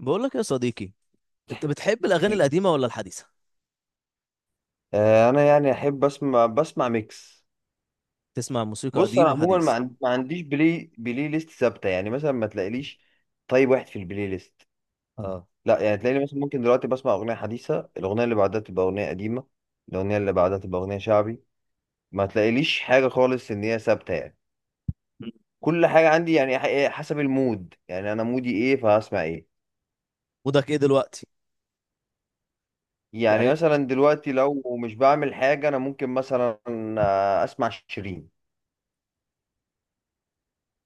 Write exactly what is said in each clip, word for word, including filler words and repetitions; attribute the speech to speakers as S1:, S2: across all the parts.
S1: بقول لك يا صديقي، انت بتحب الاغاني القديمه ولا الحديثه؟
S2: آه، انا يعني احب اسمع بسمع ميكس.
S1: تسمع موسيقى
S2: بص
S1: قديم
S2: انا عموما ما
S1: وحديث؟
S2: عن- ما عنديش بلاي بلاي ليست ثابته، يعني مثلا ما تلاقيليش طيب واحد في البلاي ليست.
S1: اه.
S2: لا يعني تلاقيني مثلا ممكن دلوقتي بسمع اغنيه حديثه، الاغنيه اللي بعدها تبقى اغنيه قديمه، الاغنيه اللي بعدها تبقى اغنيه شعبي. ما تلاقيليش حاجه خالص ان هي ثابته يعني. كل حاجه عندي يعني ح- إيه، حسب المود، يعني انا مودي ايه فهسمع ايه.
S1: مودك ايه دلوقتي؟
S2: يعني
S1: يعني.
S2: مثلا دلوقتي لو مش بعمل حاجه انا ممكن مثلا آه، اسمع شيرين.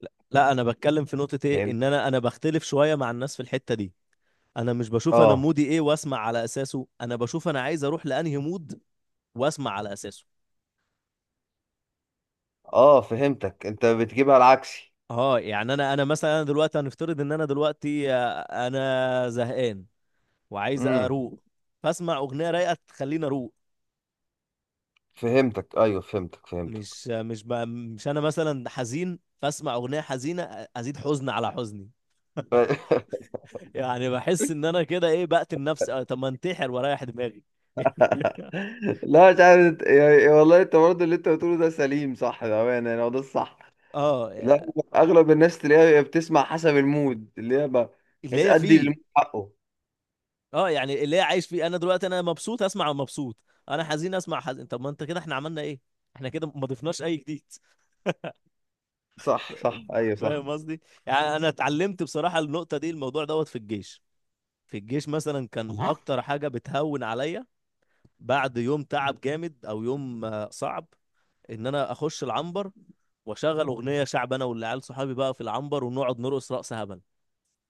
S1: لا، لا، انا بتكلم في نقطه ايه
S2: فاهم.
S1: ان انا انا بختلف شويه مع الناس في الحته دي. انا مش بشوف انا
S2: اه
S1: مودي ايه واسمع على اساسه، انا بشوف انا عايز اروح لانهي مود واسمع على اساسه.
S2: اه، فهمتك، انت بتجيبها العكسي.
S1: اه يعني انا انا مثلا انا دلوقتي هنفترض ان انا دلوقتي آه، انا زهقان وعايز
S2: امم.
S1: اروق، فاسمع اغنيه رايقه تخليني اروق.
S2: فهمتك، ايوه فهمتك فهمتك.
S1: مش مش ب... مش انا مثلا حزين فاسمع اغنيه حزينه ازيد حزن على حزني.
S2: ف...
S1: يعني بحس ان انا كده ايه بقتل نفسي. آه، طب ما انتحر واريح دماغي.
S2: لا مش عارف يعني، والله انت برضه اللي انت بتقوله ده سليم صح، بامانه يعني هو ده الصح. لا.
S1: اه.
S2: اغلب الناس تلاقيها هي بتسمع حسب المود اللي هي ب- بحيث
S1: اللي هي
S2: ادي
S1: فيه.
S2: للمود حقه.
S1: اه يعني اللي هي عايش فيه، انا دلوقتي انا مبسوط اسمع مبسوط، انا حزين اسمع حزين. طب ما انت كده احنا عملنا ايه؟ احنا كده ما ضفناش اي جديد.
S2: صح صح ايوه صح.
S1: فاهم قصدي؟ يعني انا اتعلمت بصراحه النقطه دي، الموضوع دوت في الجيش. في الجيش مثلا كانت
S2: تمام.
S1: اكتر حاجه بتهون عليا بعد يوم تعب جامد او يوم آه، صعب، ان انا اخش العنبر واشغل اغنيه شعب، انا والعيال صحابي بقى في العنبر ونقعد نرقص رقص هبل.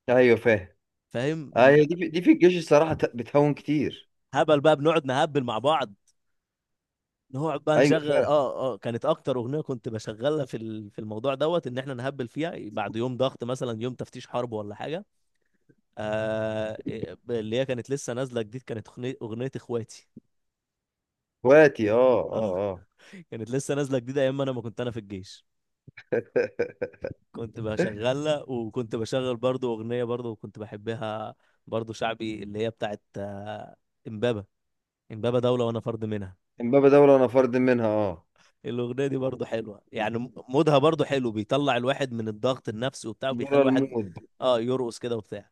S2: ايوه فاهم.
S1: فاهم؟ ن-
S2: ايوه، دي في... دي في الجيش الصراحه ت- بتهون كتير.
S1: هبل بقى بنقعد نهبل مع بعض، نقعد بقى
S2: ايوه
S1: نشغل.
S2: فعلا.
S1: اه اه كانت اكتر اغنيه كنت بشغلها في ال- في الموضوع دوت ان احنا نهبل فيها بعد يوم ضغط، مثلا يوم تفتيش حرب ولا حاجه. آه إيه، اللي هي كانت لسه نازله جديد، كانت أغني- اغنيه اخواتي.
S2: اخواتي اه
S1: اه.
S2: اه.
S1: كانت لسه نازله جديده ايام ما انا ما كنت انا في الجيش، كنت
S2: اه.
S1: بشغلها، وكنت بشغل برضو أغنية برضو كنت بحبها، برضو شعبي، اللي هي بتاعت آه، إمبابة. إمبابة دولة وأنا فرد منها.
S2: امبابة دولة انا فرد منها اه.
S1: الأغنية دي برضو حلوة، يعني م- مودها برضو حلو، بيطلع الواحد من الضغط النفسي وبتاع،
S2: بره
S1: وبيخلي الواحد
S2: المود.
S1: اه يرقص كده وبتاع.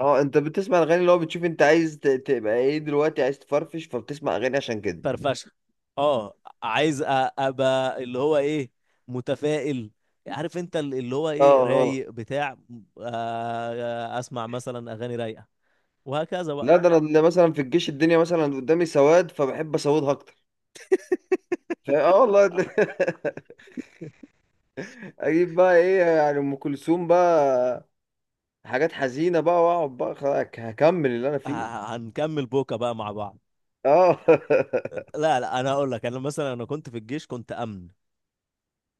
S2: اه انت بتسمع الاغاني اللي هو بتشوف انت عايز ت- تبقى ايه دلوقتي، عايز تفرفش فبتسمع اغاني عشان كده.
S1: فرفشة. اه. عايز أ- أبقى اللي هو إيه، متفائل. عارف انت، ال- اللي هو
S2: اه
S1: ايه،
S2: اه.
S1: رايق، بتاع، آه، آه، اسمع مثلا اغاني رايقه، وهكذا بقى.
S2: لا ده انا اللي مثلا في الجيش الدنيا مثلا قدامي سواد فبحب اسودها اكتر. فا اه والله. اجيب بقى ايه، يعني ام كلثوم بقى، حاجات حزينه بقى، واقعد بقى خلاص هكمل اللي انا فيه.
S1: آه، هنكمل بوكا بقى مع بعض.
S2: اه.
S1: لا لا، انا اقول لك، انا مثلا انا كنت في الجيش، كنت امن.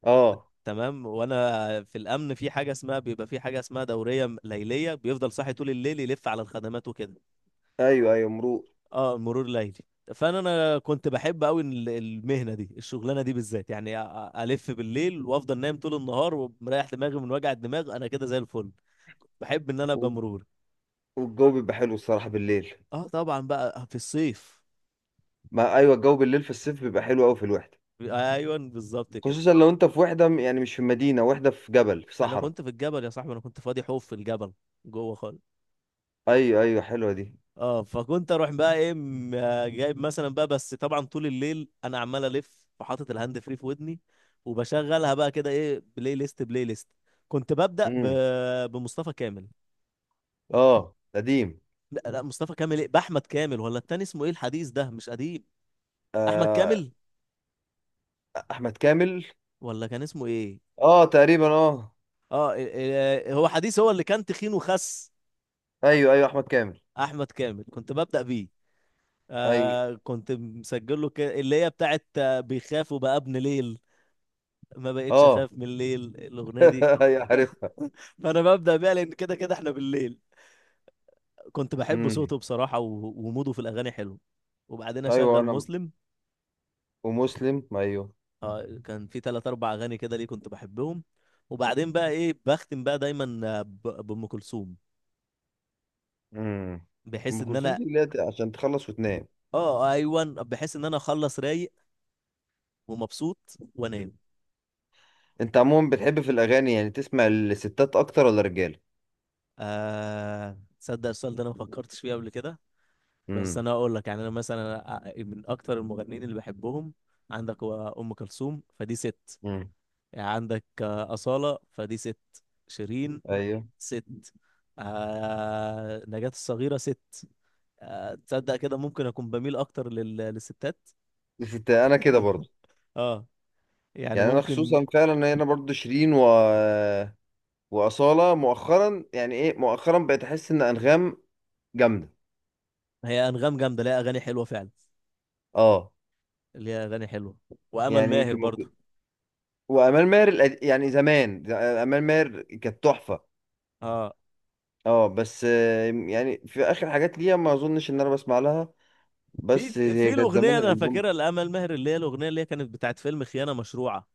S2: اه
S1: تمام، وانا في الامن في حاجه اسمها، بيبقى في حاجه اسمها دوريه م- ليليه، بيفضل صاحي طول الليل يلف على الخدمات وكده.
S2: ايوه ايوه مروق.
S1: اه، مرور ليلي. فانا انا كنت بحب قوي المهنه دي الشغلانه دي بالذات، يعني أ- أ- الف بالليل وافضل نايم طول النهار ومريح دماغي من وجع الدماغ، انا كده زي الفل. بحب ان انا ابقى
S2: وال-
S1: مرور.
S2: والجو بيبقى حلو الصراحه بالليل.
S1: اه طبعا بقى في الصيف.
S2: ما ايوه الجو بالليل في الصيف بيبقى حلو قوي في الوحده.
S1: ايوه بالظبط كده.
S2: خصوصا لو انت في وحده م- يعني مش في مدينه، وحده في جبل، في
S1: انا
S2: صحراء.
S1: كنت في الجبل يا صاحبي، انا كنت فاضي حوف في الجبل، جوه خالص.
S2: ايوه ايوه حلوه دي.
S1: اه، فكنت اروح بقى ايه م- آه، جايب مثلا بقى، بس طبعا طول الليل انا عمال الف، وحاطط الهاند فري في ودني وبشغلها بقى، كده ايه، بلاي ليست بلاي ليست. كنت ببدأ ب...
S2: امم.
S1: بمصطفى كامل.
S2: اه قديم.
S1: لا لا، مصطفى كامل ايه، باحمد كامل، ولا التاني اسمه ايه؟ الحديث ده مش قديم، احمد كامل،
S2: احمد كامل.
S1: ولا كان اسمه ايه؟
S2: اه تقريبا اه.
S1: اه إيه- إيه، هو حديث، هو اللي كان تخين وخس.
S2: ايوه ايوه احمد كامل.
S1: احمد كامل كنت ببدأ بيه.
S2: اي
S1: آه كنت مسجل له ك... اللي هي بتاعت آه، بيخاف وبقى ابن ليل، ما بقتش
S2: اه.
S1: اخاف من الليل، الاغنيه دي
S2: ايوه
S1: ك-
S2: عارفها.
S1: فانا ببدا بيها لان كده كده احنا بالليل. كنت بحب
S2: امم.
S1: صوته بصراحه و- وموده في الاغاني حلو. وبعدين
S2: ايوه
S1: اشغل
S2: انا.
S1: مسلم.
S2: ومسلم ايوه.
S1: اه كان في ثلاث اربع اغاني كده ليه كنت بحبهم. وبعدين بقى ايه بختم بقى دايما آه، ب- بام كلثوم،
S2: امم.
S1: بحيث
S2: ام
S1: ان
S2: كلثوم
S1: انا
S2: دي اللي هي عشان تخلص وتنام.
S1: اه آه، ايوه، بحيث ان انا اخلص رايق ومبسوط وانام.
S2: انت عموما بتحب في الاغاني يعني تسمع الستات اكتر ولا الرجاله؟
S1: آه تصدق السؤال ده انا ما فكرتش فيه قبل كده. بس
S2: امم.
S1: انا اقول لك، يعني انا مثلا أ- من اكتر المغنيين اللي بحبهم عندك، هو ام كلثوم فدي ست،
S2: امم.
S1: يعني عندك آه، اصاله فدي ست، شيرين
S2: ايوه
S1: ست، آه نجاة الصغيره ست. آه تصدق كده ممكن اكون بميل اكتر لل... للستات.
S2: الستات انا كده برضو.
S1: اه يعني
S2: يعني انا
S1: ممكن.
S2: خصوصا فعلا إن انا برضو شيرين و... واصاله مؤخرا، يعني ايه مؤخرا بقيت احس ان انغام جامده.
S1: هي انغام جامده، ليها اغاني حلوه فعلا،
S2: اه
S1: ليها اغاني حلوه، وامل
S2: يعني
S1: ماهر
S2: يمكن
S1: برضو.
S2: ممكن. وامال ماهر، القد- يعني زمان امال ماهر كانت تحفه.
S1: اه،
S2: اه بس آه، يعني في اخر حاجات ليها ما اظنش ان انا بسمع لها.
S1: في
S2: بس هي
S1: في
S2: كانت
S1: الاغنيه
S2: زمان
S1: انا
S2: الالبوم
S1: فاكرها لامل ماهر، اللي هي الاغنيه اللي هي كانت بتاعت فيلم خيانه مشروعه،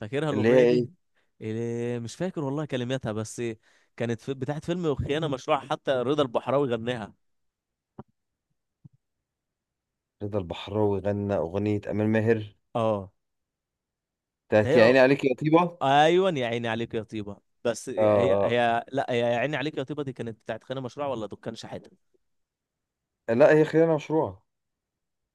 S1: فاكرها
S2: اللي هي
S1: الاغنيه
S2: ايه.
S1: دي. إيه، مش فاكر والله كلماتها بس، كانت في بتاعت فيلم وخيانه مشروع، حتى رضا البحراوي غناها.
S2: رضا البحراوي غنى اغنيه امال ماهر
S1: اه. ده
S2: بتاعت يا
S1: هي-
S2: عيني عليك يا طيبه.
S1: ايوه يا عيني عليك يا طيبه، بس
S2: اه
S1: هي
S2: آه.
S1: هي لا هي يا عيني عليك يا طيبه دي كانت بتاعت خيانه مشروع ولا دكان شحاته؟
S2: لا هي خيانه مشروعه.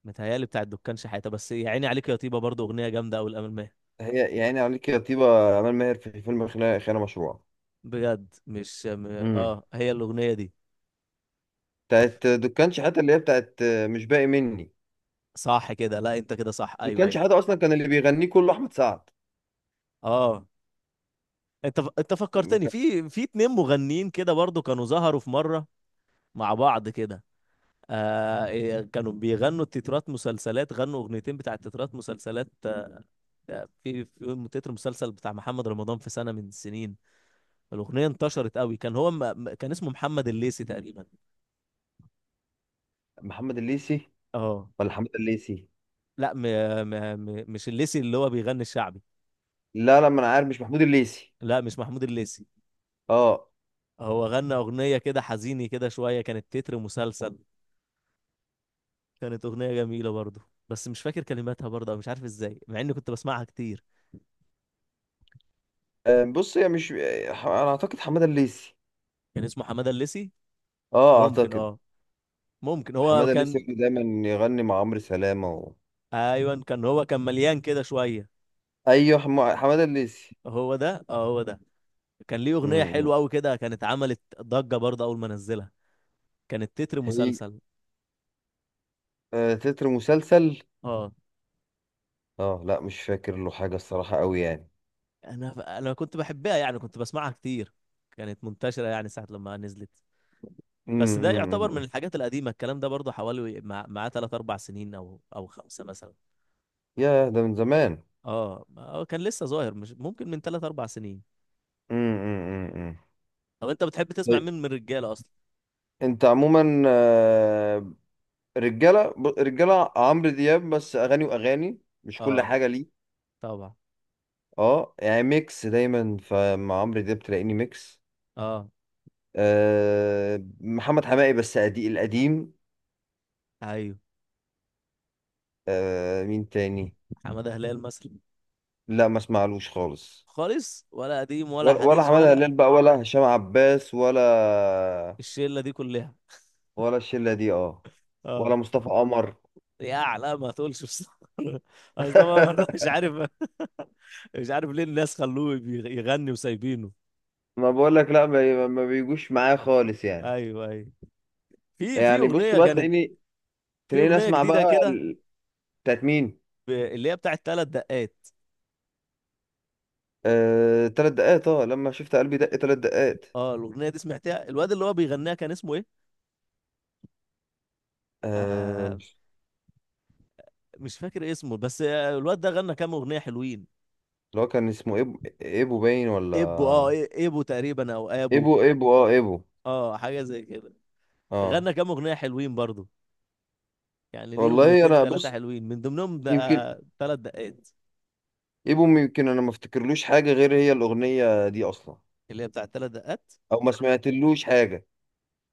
S1: متهيالي بتاعت دكان شحاته، بس يا عيني عليك يا طيبه برضو اغنيه جامده قوي الامل ماهر.
S2: هي يا عيني عليك يا طيبه امال ماهر في فيلم خيانه خيانة مشروعه.
S1: بجد مش م...
S2: امم.
S1: اه هي الاغنيه دي. ف-
S2: بتاعت دكان شحاته اللي هي بتاعت آه، مش باقي مني.
S1: صح كده، لا انت كده صح، ايوه
S2: دكان
S1: ايوه.
S2: شحاته اصلا كان اللي بيغنيه كله احمد سعد.
S1: اه انت ف- انت فكرتني في في اتنين مغنيين كده برضو كانوا ظهروا في مره مع بعض كده. آه إيه، كانوا بيغنوا تترات مسلسلات، غنوا اغنيتين بتاع تترات مسلسلات. آه، في في تتر مسلسل بتاع محمد رمضان في سنة من السنين، الأغنية انتشرت قوي، كان هو م... م- كان اسمه محمد الليثي تقريبا.
S2: محمد الليثي
S1: اه
S2: ولا حماد الليثي؟
S1: لا م... م... م... مش الليثي اللي هو بيغني الشعبي،
S2: لا لا ما انا عارف مش محمود الليثي.
S1: لا مش محمود الليثي.
S2: اه.
S1: هو غنى أغنية كده حزيني كده شوية، كانت تتر مسلسل، كانت أغنية جميلة برضه، بس مش فاكر كلماتها برضه، أو مش عارف ازاي مع اني كنت بسمعها كتير.
S2: آه، بص، هي مش آه، ح- انا اعتقد حماد الليثي.
S1: كان اسمه حمادة الليثي.
S2: اه
S1: ممكن
S2: اعتقد.
S1: اه، ممكن هو
S2: حماد الليثي
S1: كان.
S2: كان دايما يغني مع عمرو سلامة و...
S1: ايوه كان، هو كان مليان كده شويه.
S2: ايوه حم... حماد الليثي.
S1: هو ده اه هو ده، كان ليه اغنيه
S2: امم.
S1: حلوه قوي كده، كانت عملت ضجه برضه اول ما نزلها، كانت تتر
S2: هي
S1: مسلسل.
S2: آه تتر مسلسل.
S1: اه،
S2: اه لا مش فاكر له حاجة الصراحة قوي يعني.
S1: انا انا كنت بحبها يعني، كنت بسمعها كتير، كانت منتشره يعني ساعه لما نزلت. بس ده يعتبر من
S2: امم.
S1: الحاجات القديمه، الكلام ده برضه حوالي مع معاه ثلاثة اربع سنين او او خمسه مثلا.
S2: يا ده من زمان.
S1: اه هو كان لسه ظاهر، مش ممكن من ثلاثة اربع سنين.
S2: امم.
S1: طب انت بتحب تسمع مين من الرجاله اصلا؟
S2: انت عموما آه، رجاله ب- رجاله عمرو دياب بس اغاني واغاني، مش كل
S1: اه.
S2: حاجه ليه.
S1: طبعا.
S2: اه يعني ميكس دايما، فمع عمرو دياب تلاقيني ميكس.
S1: اه
S2: أه محمد حماقي بس أدي القديم.
S1: ايوه،
S2: أه مين تاني؟
S1: حماده هلال مثلا.
S2: لا ما اسمعلوش خالص.
S1: خالص، ولا قديم ولا
S2: ولا ولا
S1: حديث
S2: حماد
S1: ولا؟
S2: هلال بقى ولا هشام عباس ولا.
S1: الشله دي كلها.
S2: ولا الشله دي اه.
S1: اه.
S2: ولا مصطفى قمر.
S1: يا لا ما تقولش بصراحة. اصل أنا مرة مش عارف. مش عارف ليه الناس خلوه يغ- يغني وسايبينه.
S2: ما بقول لك لا، ما ما بيجوش معايا خالص يعني.
S1: ايوه ايوه. في في
S2: يعني بص
S1: اغنيه
S2: بقى
S1: كانت،
S2: تلاقيني.
S1: في
S2: تلاقيني
S1: اغنيه
S2: اسمع بقى
S1: جديده كده،
S2: ال- بتاعت مين؟
S1: ب- اللي هي بتاعت ثلاث دقات.
S2: آه، تلات دقات اه، لما شفت قلبي دق تلات دقات.
S1: اه الاغنيه دي سمعتها، الواد اللي هو بيغنيها كان اسمه ايه؟
S2: آه،
S1: آه
S2: مش-
S1: مش فاكر اسمه، بس آه، الواد ده غنى كام اغنيه حلوين.
S2: اللي هو كان اسمه إيبو، إيبو باين ولا.
S1: ابو اه إيه- ابو تقريبا او ابو.
S2: إيبو إيبو اه إيبو.
S1: اه حاجه زي كده.
S2: اه
S1: غنى كام اغنيه حلوين برضو، يعني ليه
S2: والله
S1: اغنيتين
S2: أنا
S1: ثلاثه
S2: بص.
S1: حلوين من ضمنهم
S2: يمكن
S1: بقى ثلاث دقات،
S2: إيبو. يمكن أنا ما افتكرلوش حاجة غير هي الأغنية دي أصلا،
S1: اللي هي بتاع ثلاث دقات.
S2: أو ما سمعتلوش حاجة.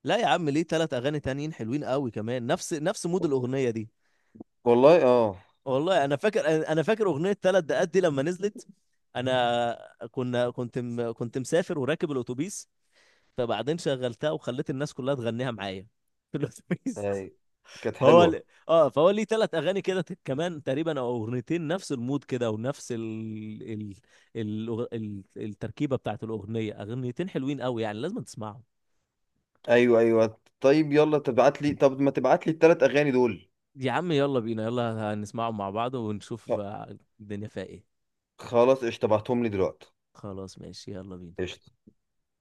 S1: لا يا عم ليه ثلاث اغاني تانيين حلوين قوي كمان، نفس نفس مود الاغنيه دي.
S2: والله اه.
S1: والله انا فاكر، انا فاكر اغنيه ثلاث دقات دي لما نزلت، انا، كنا كنت م... كنت مسافر وراكب الاتوبيس، فبعدين شغلتها وخليت الناس كلها تغنيها معايا في الاتوبيس.
S2: أي، كانت
S1: فهو ل...
S2: حلوة.
S1: اه فهو ليه ثلاث اغاني كده ت- كمان تقريبا، او اغنيتين نفس المود كده، ونفس ال... ال... ال... ال... التركيبه بتاعت الاغنيه، اغنيتين حلوين قوي يعني لازم تسمعهم.
S2: أيوه أيوه طيب يلا تبعت لي، طب ما تبعت لي التلات أغاني دول.
S1: يا عم يلا بينا، يلا هنسمعهم مع بعض ونشوف
S2: خ-
S1: آه، الدنيا فيها ايه.
S2: خلاص قشطة تبعتهم لي دلوقتي.
S1: خلاص ماشي يلا بينا.
S2: قشطة.